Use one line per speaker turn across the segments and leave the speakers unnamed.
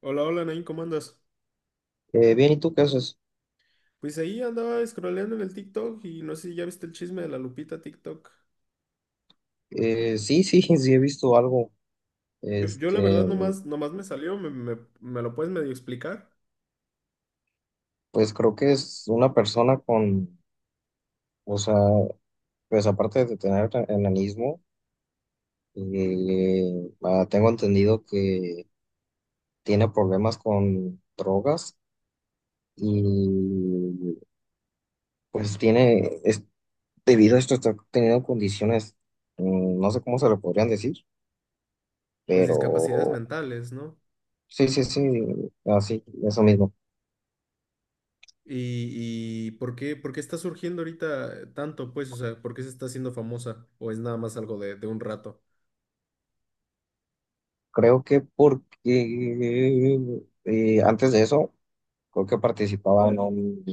Hola, hola, Nain, ¿cómo andas?
Bien, ¿y tú qué haces?
Pues ahí andaba scrolleando en el TikTok y no sé si ya viste el chisme de la Lupita TikTok.
Sí, sí, sí he visto algo.
Yo la
Este,
verdad nomás me salió, me lo puedes medio explicar,
pues creo que es una persona con, o sea, pues aparte de tener enanismo, tengo entendido que tiene problemas con drogas y pues tiene, es, debido a esto está teniendo condiciones, no sé cómo se le podrían decir,
pues discapacidades
pero
mentales, ¿no?
sí, sí, sí, así, eso mismo.
Y, y ¿por qué está surgiendo ahorita tanto, pues? O sea, ¿por qué se está haciendo famosa? ¿O es nada más algo de un rato?
Creo que porque antes de eso, creo que participaba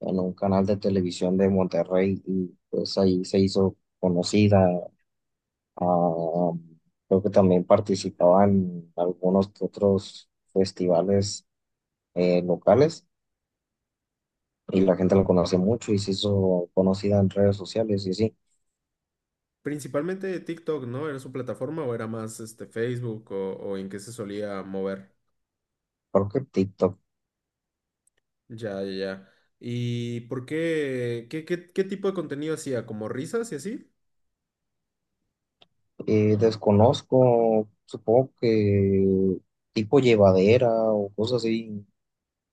en un canal de televisión de Monterrey y pues ahí se hizo conocida. Ah, creo que también participaba en algunos que otros festivales locales y la gente lo conoce mucho y se hizo conocida en redes sociales y sí,
Principalmente de TikTok, ¿no? ¿Era su plataforma o era más este, Facebook o en qué se solía mover?
creo que TikTok.
Ya. ¿Y por qué? ¿Qué tipo de contenido hacía? ¿Como risas y así?
Desconozco, supongo que tipo llevadera o cosas así.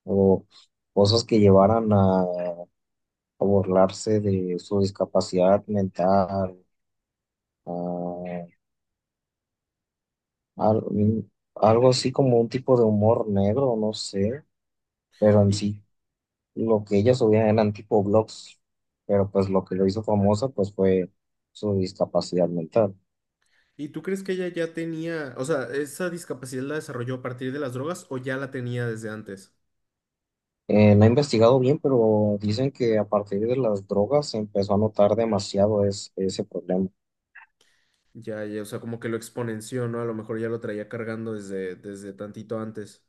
O cosas que llevaran a burlarse de su discapacidad mental, a- algo así como un tipo de humor negro, no sé, pero en
¿Y,
sí lo que ellas subían eran tipo blogs, pero pues lo que lo hizo famosa pues fue su discapacidad mental.
y tú crees que ella ya tenía, o sea, esa discapacidad la desarrolló a partir de las drogas o ya la tenía desde antes?
No he investigado bien, pero dicen que a partir de las drogas se empezó a notar demasiado ese problema.
Ya, ya, o sea, como que lo exponenció, ¿no? A lo mejor ya lo traía cargando desde tantito antes.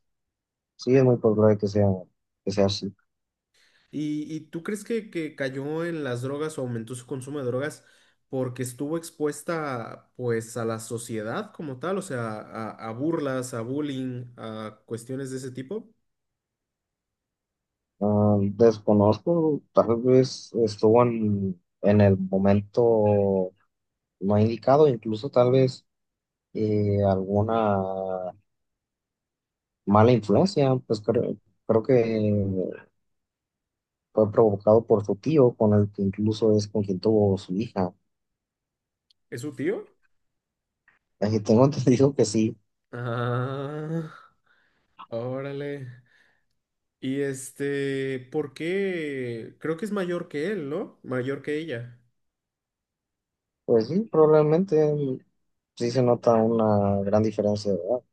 Sí, es muy probable que sea así.
¿Y tú crees que cayó en las drogas o aumentó su consumo de drogas porque estuvo expuesta, pues, a la sociedad como tal? O sea, a burlas, a bullying, a cuestiones de ese tipo.
Ah, desconozco, tal vez estuvo en el momento no indicado, incluso tal vez alguna mala influencia, pues creo que fue provocado por su tío, con el que incluso es con quien tuvo su hija.
¿Es su tío?
Tengo entendido que sí,
Ah, órale. Y este, ¿por qué? Creo que es mayor que él, ¿no? Mayor que ella.
pues sí, probablemente sí se nota una gran diferencia, ¿verdad?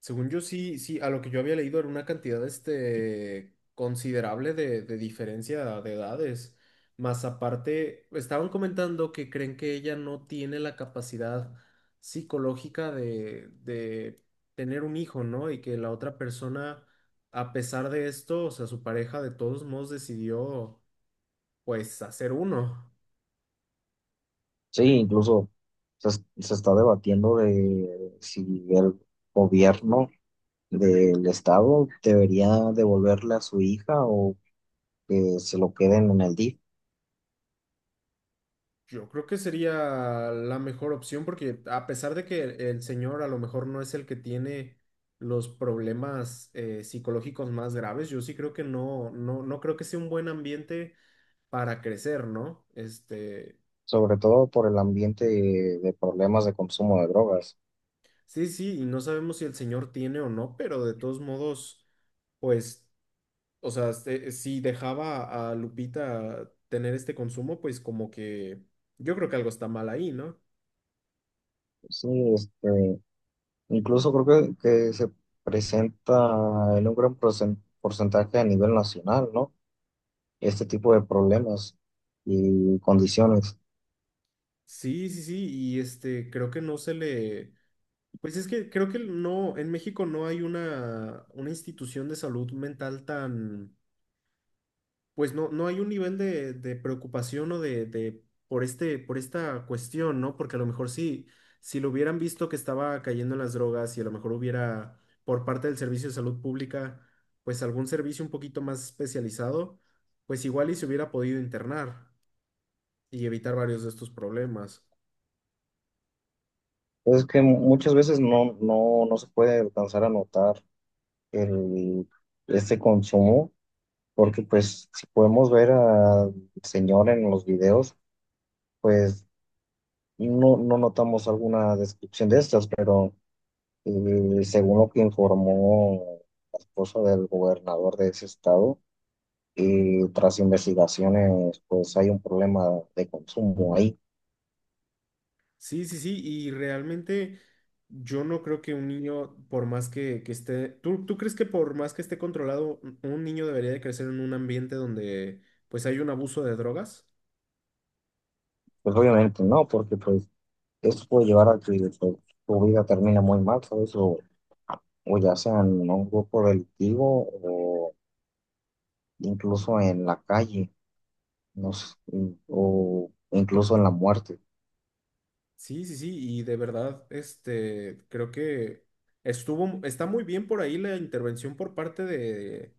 Según yo, sí, sí, a lo que yo había leído era una cantidad, este, considerable de diferencia de edades. Más aparte, estaban comentando que creen que ella no tiene la capacidad psicológica de tener un hijo, ¿no? Y que la otra persona, a pesar de esto, o sea, su pareja de todos modos decidió, pues, hacer uno.
Sí, incluso se está debatiendo de si el gobierno del Estado debería devolverle a su hija o que se lo queden en el DIF,
Yo creo que sería la mejor opción porque a pesar de que el señor a lo mejor no es el que tiene los problemas psicológicos más graves, yo sí creo que no, no, no creo que sea un buen ambiente para crecer, ¿no? Este,
sobre todo por el ambiente de problemas de consumo de drogas.
sí, sí, y no sabemos si el señor tiene o no, pero de todos modos, pues, o sea, este, si dejaba a Lupita tener este consumo, pues como que yo creo que algo está mal ahí, ¿no?
Sí, este, incluso creo que se presenta en un gran porcentaje a nivel nacional, ¿no? Este tipo de problemas y condiciones.
Sí, sí, sí, y este, creo que no se le, pues es que creo que no, en México no hay una institución de salud mental tan, pues no, no hay un nivel de preocupación o de, por este, por esta cuestión, ¿no? Porque a lo mejor sí, si lo hubieran visto que estaba cayendo en las drogas y a lo mejor hubiera, por parte del Servicio de Salud Pública, pues algún servicio un poquito más especializado, pues igual y se hubiera podido internar y evitar varios de estos problemas.
Es que muchas veces no se puede alcanzar a notar el, este consumo porque pues si podemos ver al señor en los videos, pues no, no notamos alguna descripción de estas, pero según lo que informó la esposa del gobernador de ese estado, y tras investigaciones, pues hay un problema de consumo ahí.
Sí, sí, sí, y realmente yo no creo que un niño, por más que esté, ¿tú, tú crees que por más que esté controlado, un niño debería de crecer en un ambiente donde pues hay un abuso de drogas?
Pues obviamente no, porque pues esto puede llevar a que pues, tu vida termine muy mal, ¿sabes? O ya sea en un grupo delictivo o incluso en la calle. Nos o incluso en la muerte.
Sí, sí, sí, y de verdad, este, creo que estuvo, está muy bien por ahí la intervención por parte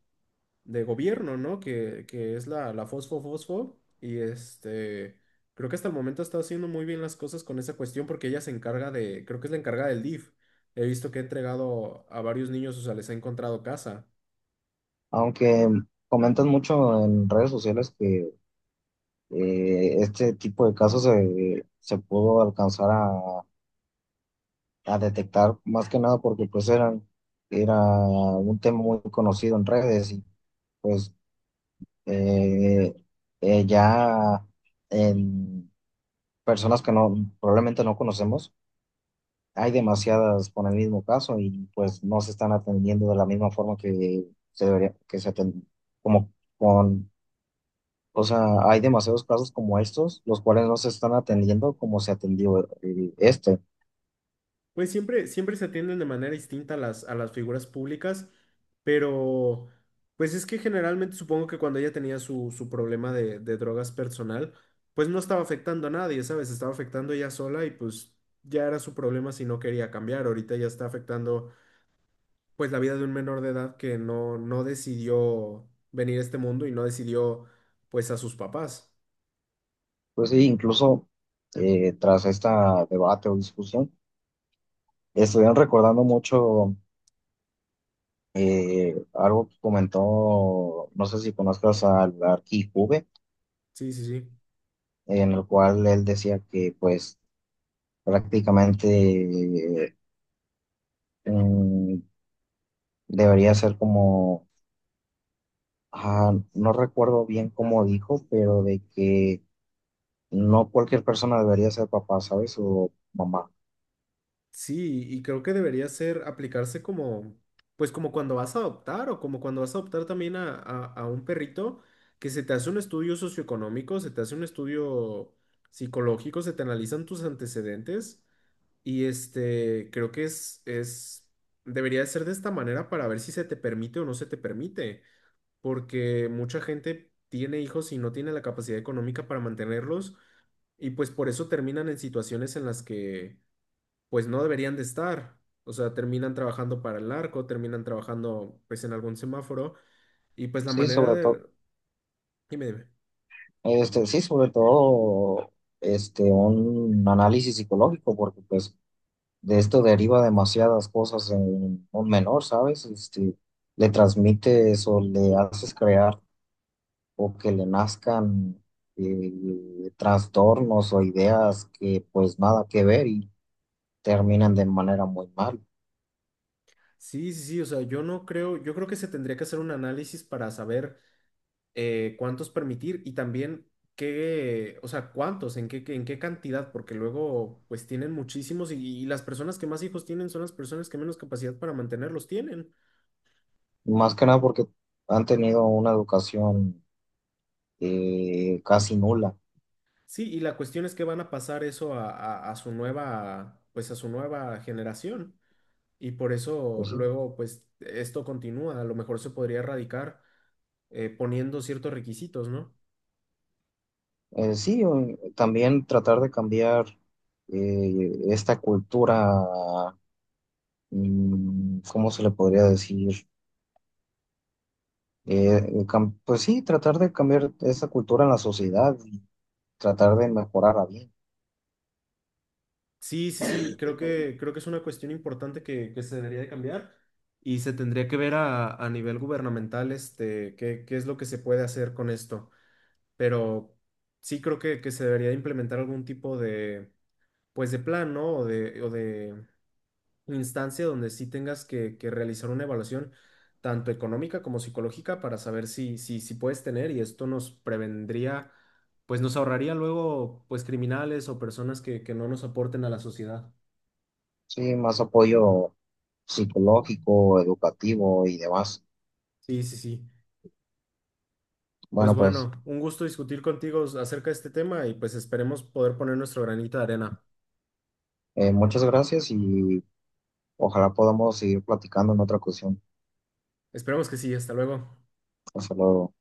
de gobierno, ¿no? Que es la, la Fosfo Fosfo. Y este, creo que hasta el momento está haciendo muy bien las cosas con esa cuestión porque ella se encarga de, creo que es la encargada del DIF. He visto que ha entregado a varios niños, o sea, les ha encontrado casa.
Aunque comentan mucho en redes sociales que este tipo de casos se pudo alcanzar a detectar más que nada porque pues era un tema muy conocido en redes y pues eh, ya en personas que no, probablemente no conocemos hay demasiadas con el mismo caso y pues no se están atendiendo de la misma forma que se debería, que se atend- como con, o sea, hay demasiados casos como estos, los cuales no se están atendiendo como se atendió este.
Pues siempre, siempre se atienden de manera distinta a las figuras públicas, pero pues es que generalmente supongo que cuando ella tenía su, su problema de drogas personal, pues no estaba afectando a nadie, ¿sabes? Estaba afectando ella sola y pues ya era su problema si no quería cambiar. Ahorita ya está afectando pues la vida de un menor de edad que no, no decidió venir a este mundo y no decidió pues a sus papás.
Pues sí, incluso tras esta debate o discusión, estuvieron recordando mucho algo que comentó, no sé si conozcas al Arqui Juve,
Sí, sí, sí.
en el cual él decía que pues prácticamente eh, mm, debería ser como, ah, no recuerdo bien cómo dijo, pero de que no cualquier persona debería ser papá, ¿sabes? O mamá.
Sí, y creo que debería ser aplicarse como, pues como cuando vas a adoptar o como cuando vas a adoptar también a, a un perrito, que se te hace un estudio socioeconómico, se te hace un estudio psicológico, se te analizan tus antecedentes y este, creo que es, debería de ser de esta manera para ver si se te permite o no se te permite, porque mucha gente tiene hijos y no tiene la capacidad económica para mantenerlos y pues por eso terminan en situaciones en las que pues no deberían de estar. O sea, terminan trabajando para el narco, terminan trabajando pues en algún semáforo y pues la
Sí,
manera de... Dime, dime.
sí, sobre todo, este, un análisis psicológico, porque pues de esto deriva demasiadas cosas en un menor, ¿sabes? Este, le transmites o le haces crear o que le nazcan trastornos o ideas que pues nada que ver y terminan de manera muy mal.
Sí, sí, sí, o sea, yo no creo, yo creo que se tendría que hacer un análisis para saber cuántos permitir y también qué, o sea, cuántos, en qué, en qué cantidad, porque luego pues tienen muchísimos y las personas que más hijos tienen son las personas que menos capacidad para mantenerlos tienen.
Más que nada porque han tenido una educación casi nula.
Sí, y la cuestión es que van a pasar eso a, a su nueva, pues a su nueva generación. Y por eso
Pues sí,
luego, pues, esto continúa. A lo mejor se podría erradicar poniendo ciertos requisitos, ¿no?
Sí, también tratar de cambiar esta cultura, ¿cómo se le podría decir? Pues sí, tratar de cambiar esa cultura en la sociedad y tratar de mejorarla bien.
Sí, sí, sí, creo que es una cuestión importante que se debería de cambiar y se tendría que ver a nivel gubernamental, este, qué, qué es lo que se puede hacer con esto. Pero sí creo que se debería de implementar algún tipo de, pues, de plan, ¿no? O de instancia donde sí tengas que realizar una evaluación tanto económica como psicológica para saber si, si, si puedes tener y esto nos prevendría, pues nos ahorraría luego pues criminales o personas que no nos aporten a la sociedad.
Sí, más apoyo psicológico, educativo y demás.
Sí, sí, sí. Pues
Bueno, pues
bueno, un gusto discutir contigo acerca de este tema y pues esperemos poder poner nuestro granito de arena.
muchas gracias y ojalá podamos seguir platicando en otra ocasión.
Esperemos que sí, hasta luego.
Hasta luego.